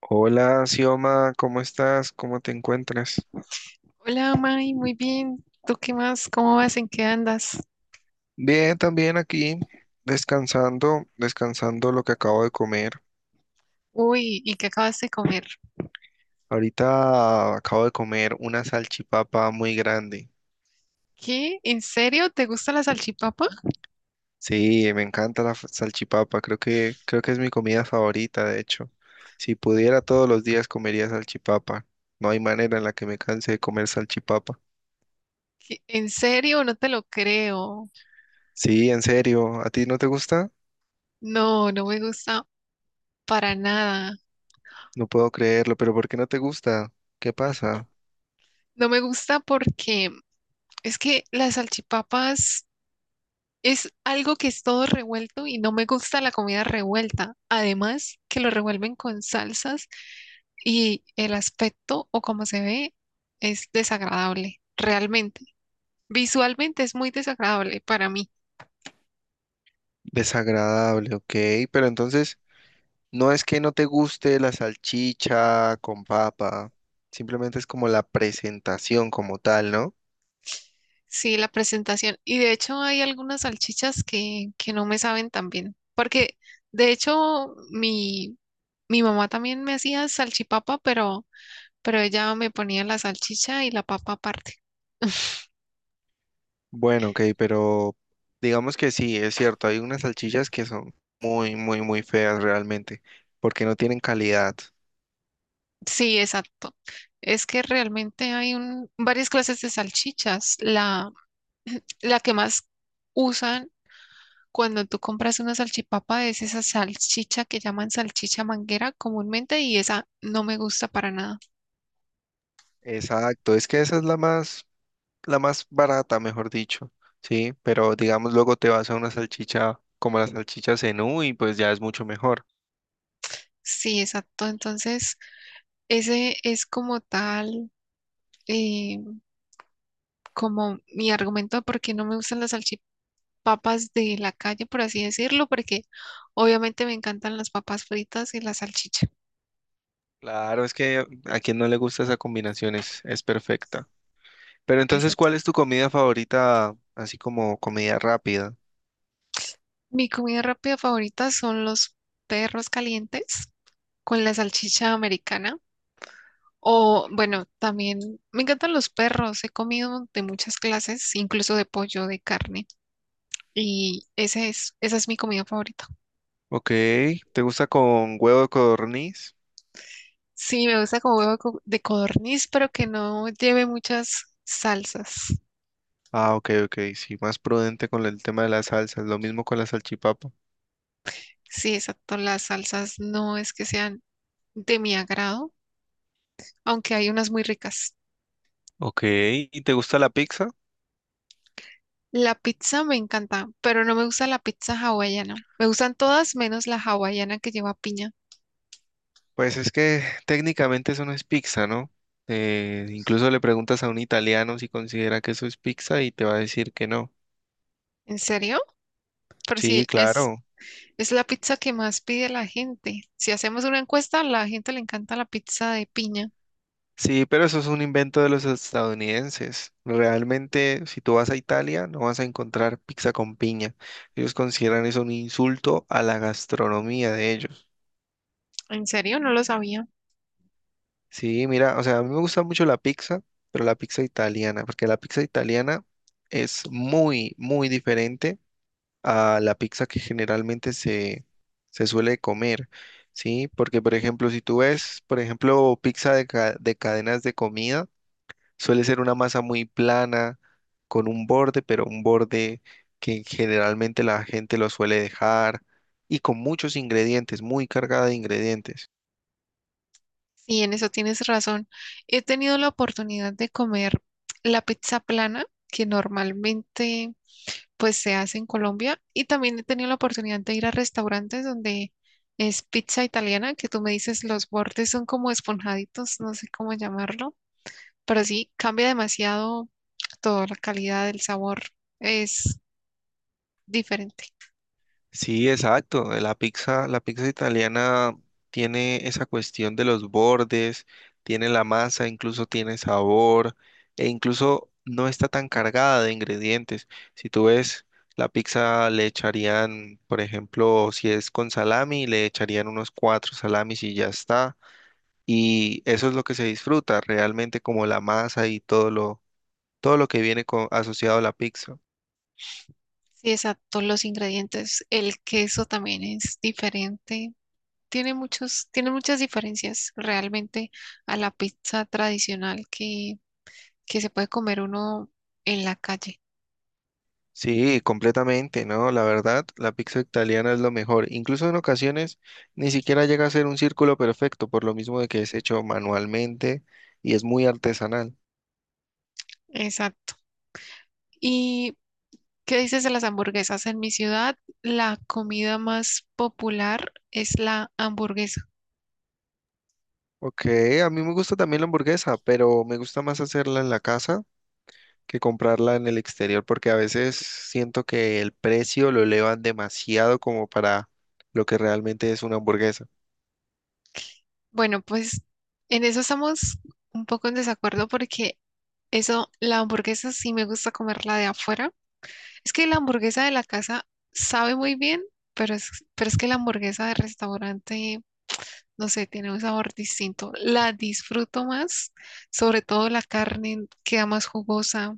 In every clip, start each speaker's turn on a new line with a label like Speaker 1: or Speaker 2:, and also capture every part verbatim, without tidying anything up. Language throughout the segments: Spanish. Speaker 1: Hola, Sioma, ¿cómo estás? ¿Cómo te encuentras?
Speaker 2: Hola, May, muy bien. ¿Tú qué más? ¿Cómo vas? ¿En qué andas?
Speaker 1: Bien, también aquí, descansando, descansando lo que acabo de comer.
Speaker 2: Uy, ¿y qué acabas de comer?
Speaker 1: Ahorita acabo de comer una salchipapa muy grande.
Speaker 2: ¿Qué? ¿En serio? ¿Te gusta la salchipapa?
Speaker 1: Sí, me encanta la fa- salchipapa, creo que, creo que es mi comida favorita, de hecho. Si pudiera todos los días comería salchipapa. No hay manera en la que me canse de comer salchipapa.
Speaker 2: ¿Qué? ¿En serio? No te lo creo.
Speaker 1: Sí, en serio, ¿a ti no te gusta?
Speaker 2: No, no me gusta para nada.
Speaker 1: No puedo creerlo, pero ¿por qué no te gusta? ¿Qué pasa?
Speaker 2: No me gusta porque es que las salchipapas es algo que es todo revuelto y no me gusta la comida revuelta. Además, que lo revuelven con salsas y el aspecto o como se ve es desagradable, realmente. Visualmente es muy desagradable para mí,
Speaker 1: Desagradable, ok. Pero entonces, no es que no te guste la salchicha con papa, simplemente es como la presentación como tal, ¿no?
Speaker 2: sí, la presentación. Y de hecho hay algunas salchichas que, que no me saben tan bien, porque de hecho mi, mi mamá también me hacía salchipapa, pero, pero ella me ponía la salchicha y la papa aparte.
Speaker 1: Bueno, ok, pero digamos que sí, es cierto, hay unas salchichas que son muy, muy, muy feas realmente, porque no tienen calidad.
Speaker 2: Sí, exacto. Es que realmente hay un, varias clases de salchichas. La, la que más usan cuando tú compras una salchipapa, es esa salchicha que llaman salchicha manguera comúnmente y esa no me gusta para nada.
Speaker 1: Exacto, es que esa es la más, la más barata, mejor dicho, ¿sí? Pero digamos, luego te vas a una salchicha como la salchicha Zenú y pues ya es mucho mejor.
Speaker 2: Sí, exacto. Entonces, ese es como tal, eh, como mi argumento de por qué no me gustan las salchipapas de la calle, por así decirlo, porque obviamente me encantan las papas fritas y la salchicha.
Speaker 1: Claro, es que a quien no le gusta esa combinación es, es perfecta. Pero entonces,
Speaker 2: Exacto.
Speaker 1: ¿cuál es tu comida favorita, así como comida rápida?
Speaker 2: Mi comida rápida favorita son los perros calientes con la salchicha americana. O bueno, también me encantan los perros. He comido de muchas clases, incluso de pollo, de carne. Y ese es, esa es mi comida favorita.
Speaker 1: Ok, ¿te gusta con huevo de codorniz?
Speaker 2: Sí, me gusta como huevo co- de codorniz, pero que no lleve muchas salsas.
Speaker 1: Ah, ok, ok, sí, más prudente con el tema de las salsas, lo mismo con la salchipapa.
Speaker 2: Sí, exacto. Las salsas no es que sean de mi agrado, aunque hay unas muy ricas.
Speaker 1: Ok, ¿y te gusta la pizza?
Speaker 2: La pizza me encanta, pero no me gusta la pizza hawaiana. Me gustan todas menos la hawaiana que lleva piña.
Speaker 1: Pues es que técnicamente eso no es pizza, ¿no? Eh, incluso le preguntas a un italiano si considera que eso es pizza y te va a decir que no.
Speaker 2: ¿En serio? Pero sí,
Speaker 1: Sí,
Speaker 2: es
Speaker 1: claro.
Speaker 2: Es la pizza que más pide la gente. Si hacemos una encuesta, a la gente le encanta la pizza de piña.
Speaker 1: Sí, pero eso es un invento de los estadounidenses. Realmente, si tú vas a Italia, no vas a encontrar pizza con piña. Ellos consideran eso un insulto a la gastronomía de ellos.
Speaker 2: ¿En serio? No lo sabía.
Speaker 1: Sí, mira, o sea, a mí me gusta mucho la pizza, pero la pizza italiana, porque la pizza italiana es muy, muy diferente a la pizza que generalmente se, se suele comer. Sí, porque por ejemplo, si tú ves, por ejemplo, pizza de, ca- de cadenas de comida, suele ser una masa muy plana, con un borde, pero un borde que generalmente la gente lo suele dejar y con muchos ingredientes, muy cargada de ingredientes.
Speaker 2: Sí, en eso tienes razón. He tenido la oportunidad de comer la pizza plana, que normalmente pues se hace en Colombia, y también he tenido la oportunidad de ir a restaurantes donde es pizza italiana, que tú me dices los bordes son como esponjaditos, no sé cómo llamarlo, pero sí, cambia demasiado toda la calidad el sabor, es diferente.
Speaker 1: Sí, exacto. eh, La pizza, la pizza italiana tiene esa cuestión de los bordes, tiene la masa, incluso tiene sabor, e incluso no está tan cargada de ingredientes. Si tú ves, la pizza le echarían, por ejemplo, si es con salami, le echarían unos cuatro salamis y ya está. Y eso es lo que se disfruta realmente como la masa y todo lo, todo lo que viene co- asociado a la pizza.
Speaker 2: Sí, exacto, los ingredientes. El queso también es diferente. Tiene muchos, tiene muchas diferencias realmente a la pizza tradicional que, que se puede comer uno en la calle.
Speaker 1: Sí, completamente, ¿no? La verdad, la pizza italiana es lo mejor. Incluso en ocasiones ni siquiera llega a ser un círculo perfecto, por lo mismo de que es hecho manualmente y es muy artesanal.
Speaker 2: Exacto. ¿Y qué dices de las hamburguesas? En mi ciudad, la comida más popular es la hamburguesa.
Speaker 1: Ok, a mí me gusta también la hamburguesa, pero me gusta más hacerla en la casa que comprarla en el exterior, porque a veces siento que el precio lo elevan demasiado como para lo que realmente es una hamburguesa.
Speaker 2: Bueno, pues en eso estamos un poco en desacuerdo porque eso, la hamburguesa sí me gusta comerla de afuera. Es que la hamburguesa de la casa sabe muy bien, pero es, pero es que la hamburguesa de restaurante, no sé, tiene un sabor distinto. La disfruto más, sobre todo la carne queda más jugosa.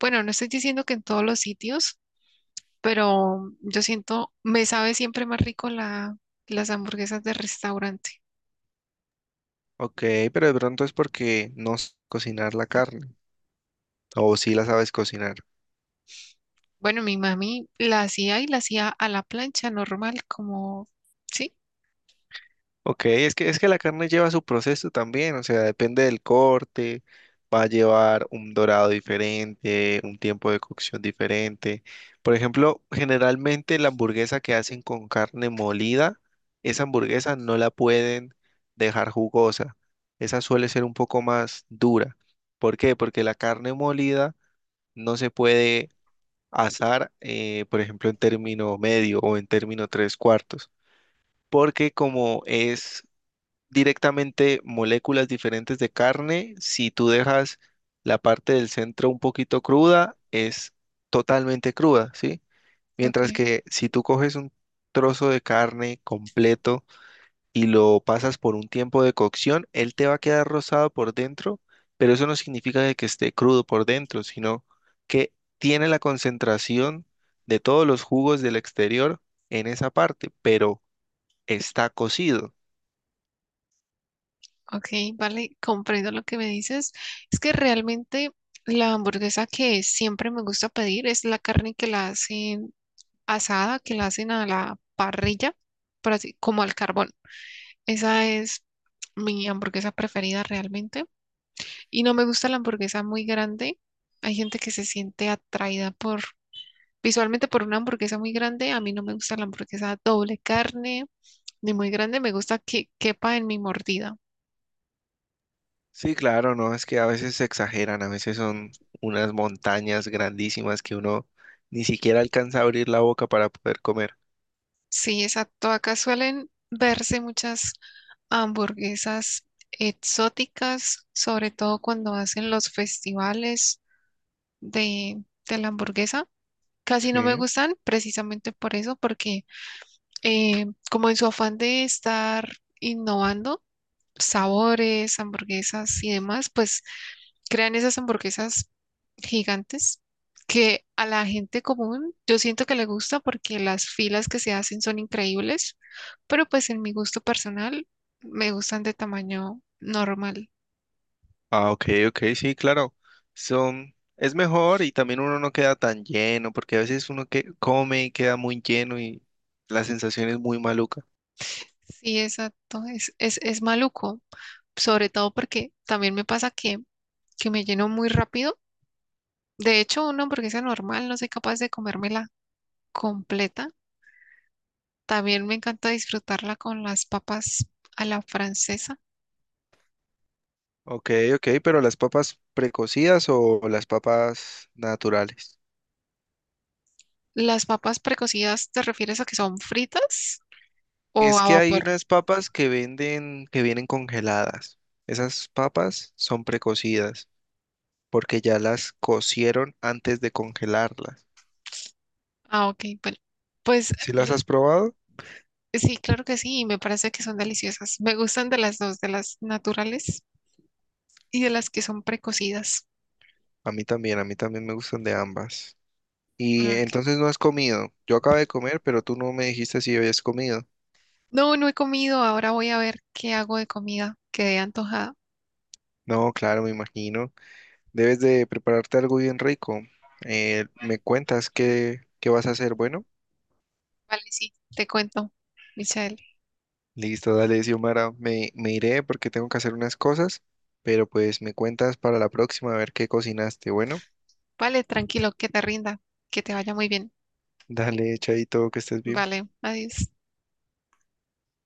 Speaker 2: Bueno, no estoy diciendo que en todos los sitios, pero yo siento, me sabe siempre más rico la, las hamburguesas de restaurante.
Speaker 1: Ok, pero de pronto es porque no sé cocinar la carne, o si la sabes cocinar.
Speaker 2: Bueno, mi mami la hacía y la hacía a la plancha normal, como, sí,
Speaker 1: Ok, es que, es que la carne lleva su proceso también, o sea, depende del corte, va a llevar un dorado diferente, un tiempo de cocción diferente. Por ejemplo, generalmente la hamburguesa que hacen con carne molida, esa hamburguesa no la pueden dejar jugosa, esa suele ser un poco más dura. ¿Por qué? Porque la carne molida no se puede asar, eh, por ejemplo, en término medio o en término tres cuartos porque como es directamente moléculas diferentes de carne. Si tú dejas la parte del centro un poquito cruda, es totalmente cruda, ¿sí?
Speaker 2: ok.
Speaker 1: Mientras que si tú coges un trozo de carne completo y lo pasas por un tiempo de cocción, él te va a quedar rosado por dentro, pero eso no significa de que esté crudo por dentro, sino que tiene la concentración de todos los jugos del exterior en esa parte, pero está cocido.
Speaker 2: Ok, vale, comprendo lo que me dices. Es que realmente la hamburguesa que siempre me gusta pedir es la carne que la hacen asada, que la hacen a la parrilla, por así, como al carbón. Esa es mi hamburguesa preferida realmente. Y no me gusta la hamburguesa muy grande. Hay gente que se siente atraída por, visualmente por una hamburguesa muy grande. A mí no me gusta la hamburguesa doble carne, ni muy grande. Me gusta que quepa en mi mordida.
Speaker 1: Sí, claro, no, es que a veces se exageran, a veces son unas montañas grandísimas que uno ni siquiera alcanza a abrir la boca para poder comer.
Speaker 2: Sí, exacto. Acá suelen verse muchas hamburguesas exóticas, sobre todo cuando hacen los festivales de, de la hamburguesa. Casi no me
Speaker 1: Sí.
Speaker 2: gustan precisamente por eso, porque eh, como en su afán de estar innovando sabores, hamburguesas y demás, pues crean esas hamburguesas gigantes que a la gente común yo siento que le gusta porque las filas que se hacen son increíbles, pero pues en mi gusto personal me gustan de tamaño normal.
Speaker 1: Ah, ok, ok, sí, claro. Son, es mejor y también uno no queda tan lleno, porque a veces uno que come y queda muy lleno y la sensación es muy maluca.
Speaker 2: Sí, exacto, es, es, es maluco, sobre todo porque también me pasa que, que me lleno muy rápido. De hecho, una hamburguesa normal no soy capaz de comérmela completa. También me encanta disfrutarla con las papas a la francesa.
Speaker 1: Ok, ok, pero las papas precocidas o las papas naturales.
Speaker 2: ¿Las papas precocidas te refieres a que son fritas o
Speaker 1: Es
Speaker 2: a
Speaker 1: que hay
Speaker 2: vapor?
Speaker 1: unas papas que venden, que vienen congeladas. Esas papas son precocidas porque ya las cocieron antes de congelarlas.
Speaker 2: Ah, ok, bueno. Pues
Speaker 1: ¿Si las
Speaker 2: r-
Speaker 1: has probado?
Speaker 2: sí, claro que sí, y me parece que son deliciosas. Me gustan de las dos, de las naturales y de las que son precocidas.
Speaker 1: A mí también, a mí también me gustan de ambas. Y
Speaker 2: Ah, ok.
Speaker 1: entonces no has comido. Yo acabé de comer, pero tú no me dijiste si habías comido.
Speaker 2: No, no he comido, ahora voy a ver qué hago de comida. Quedé antojada.
Speaker 1: No, claro, me imagino. Debes de prepararte algo bien rico. Eh, ¿me cuentas qué, qué vas a hacer? Bueno.
Speaker 2: Vale, sí, te cuento, Michelle.
Speaker 1: Listo, dale, Xiomara. Me, me iré porque tengo que hacer unas cosas, pero pues me cuentas para la próxima a ver qué cocinaste. Bueno,
Speaker 2: Vale, tranquilo, que te rinda, que te vaya muy bien.
Speaker 1: dale, Chaito, que estés bien.
Speaker 2: Vale, adiós.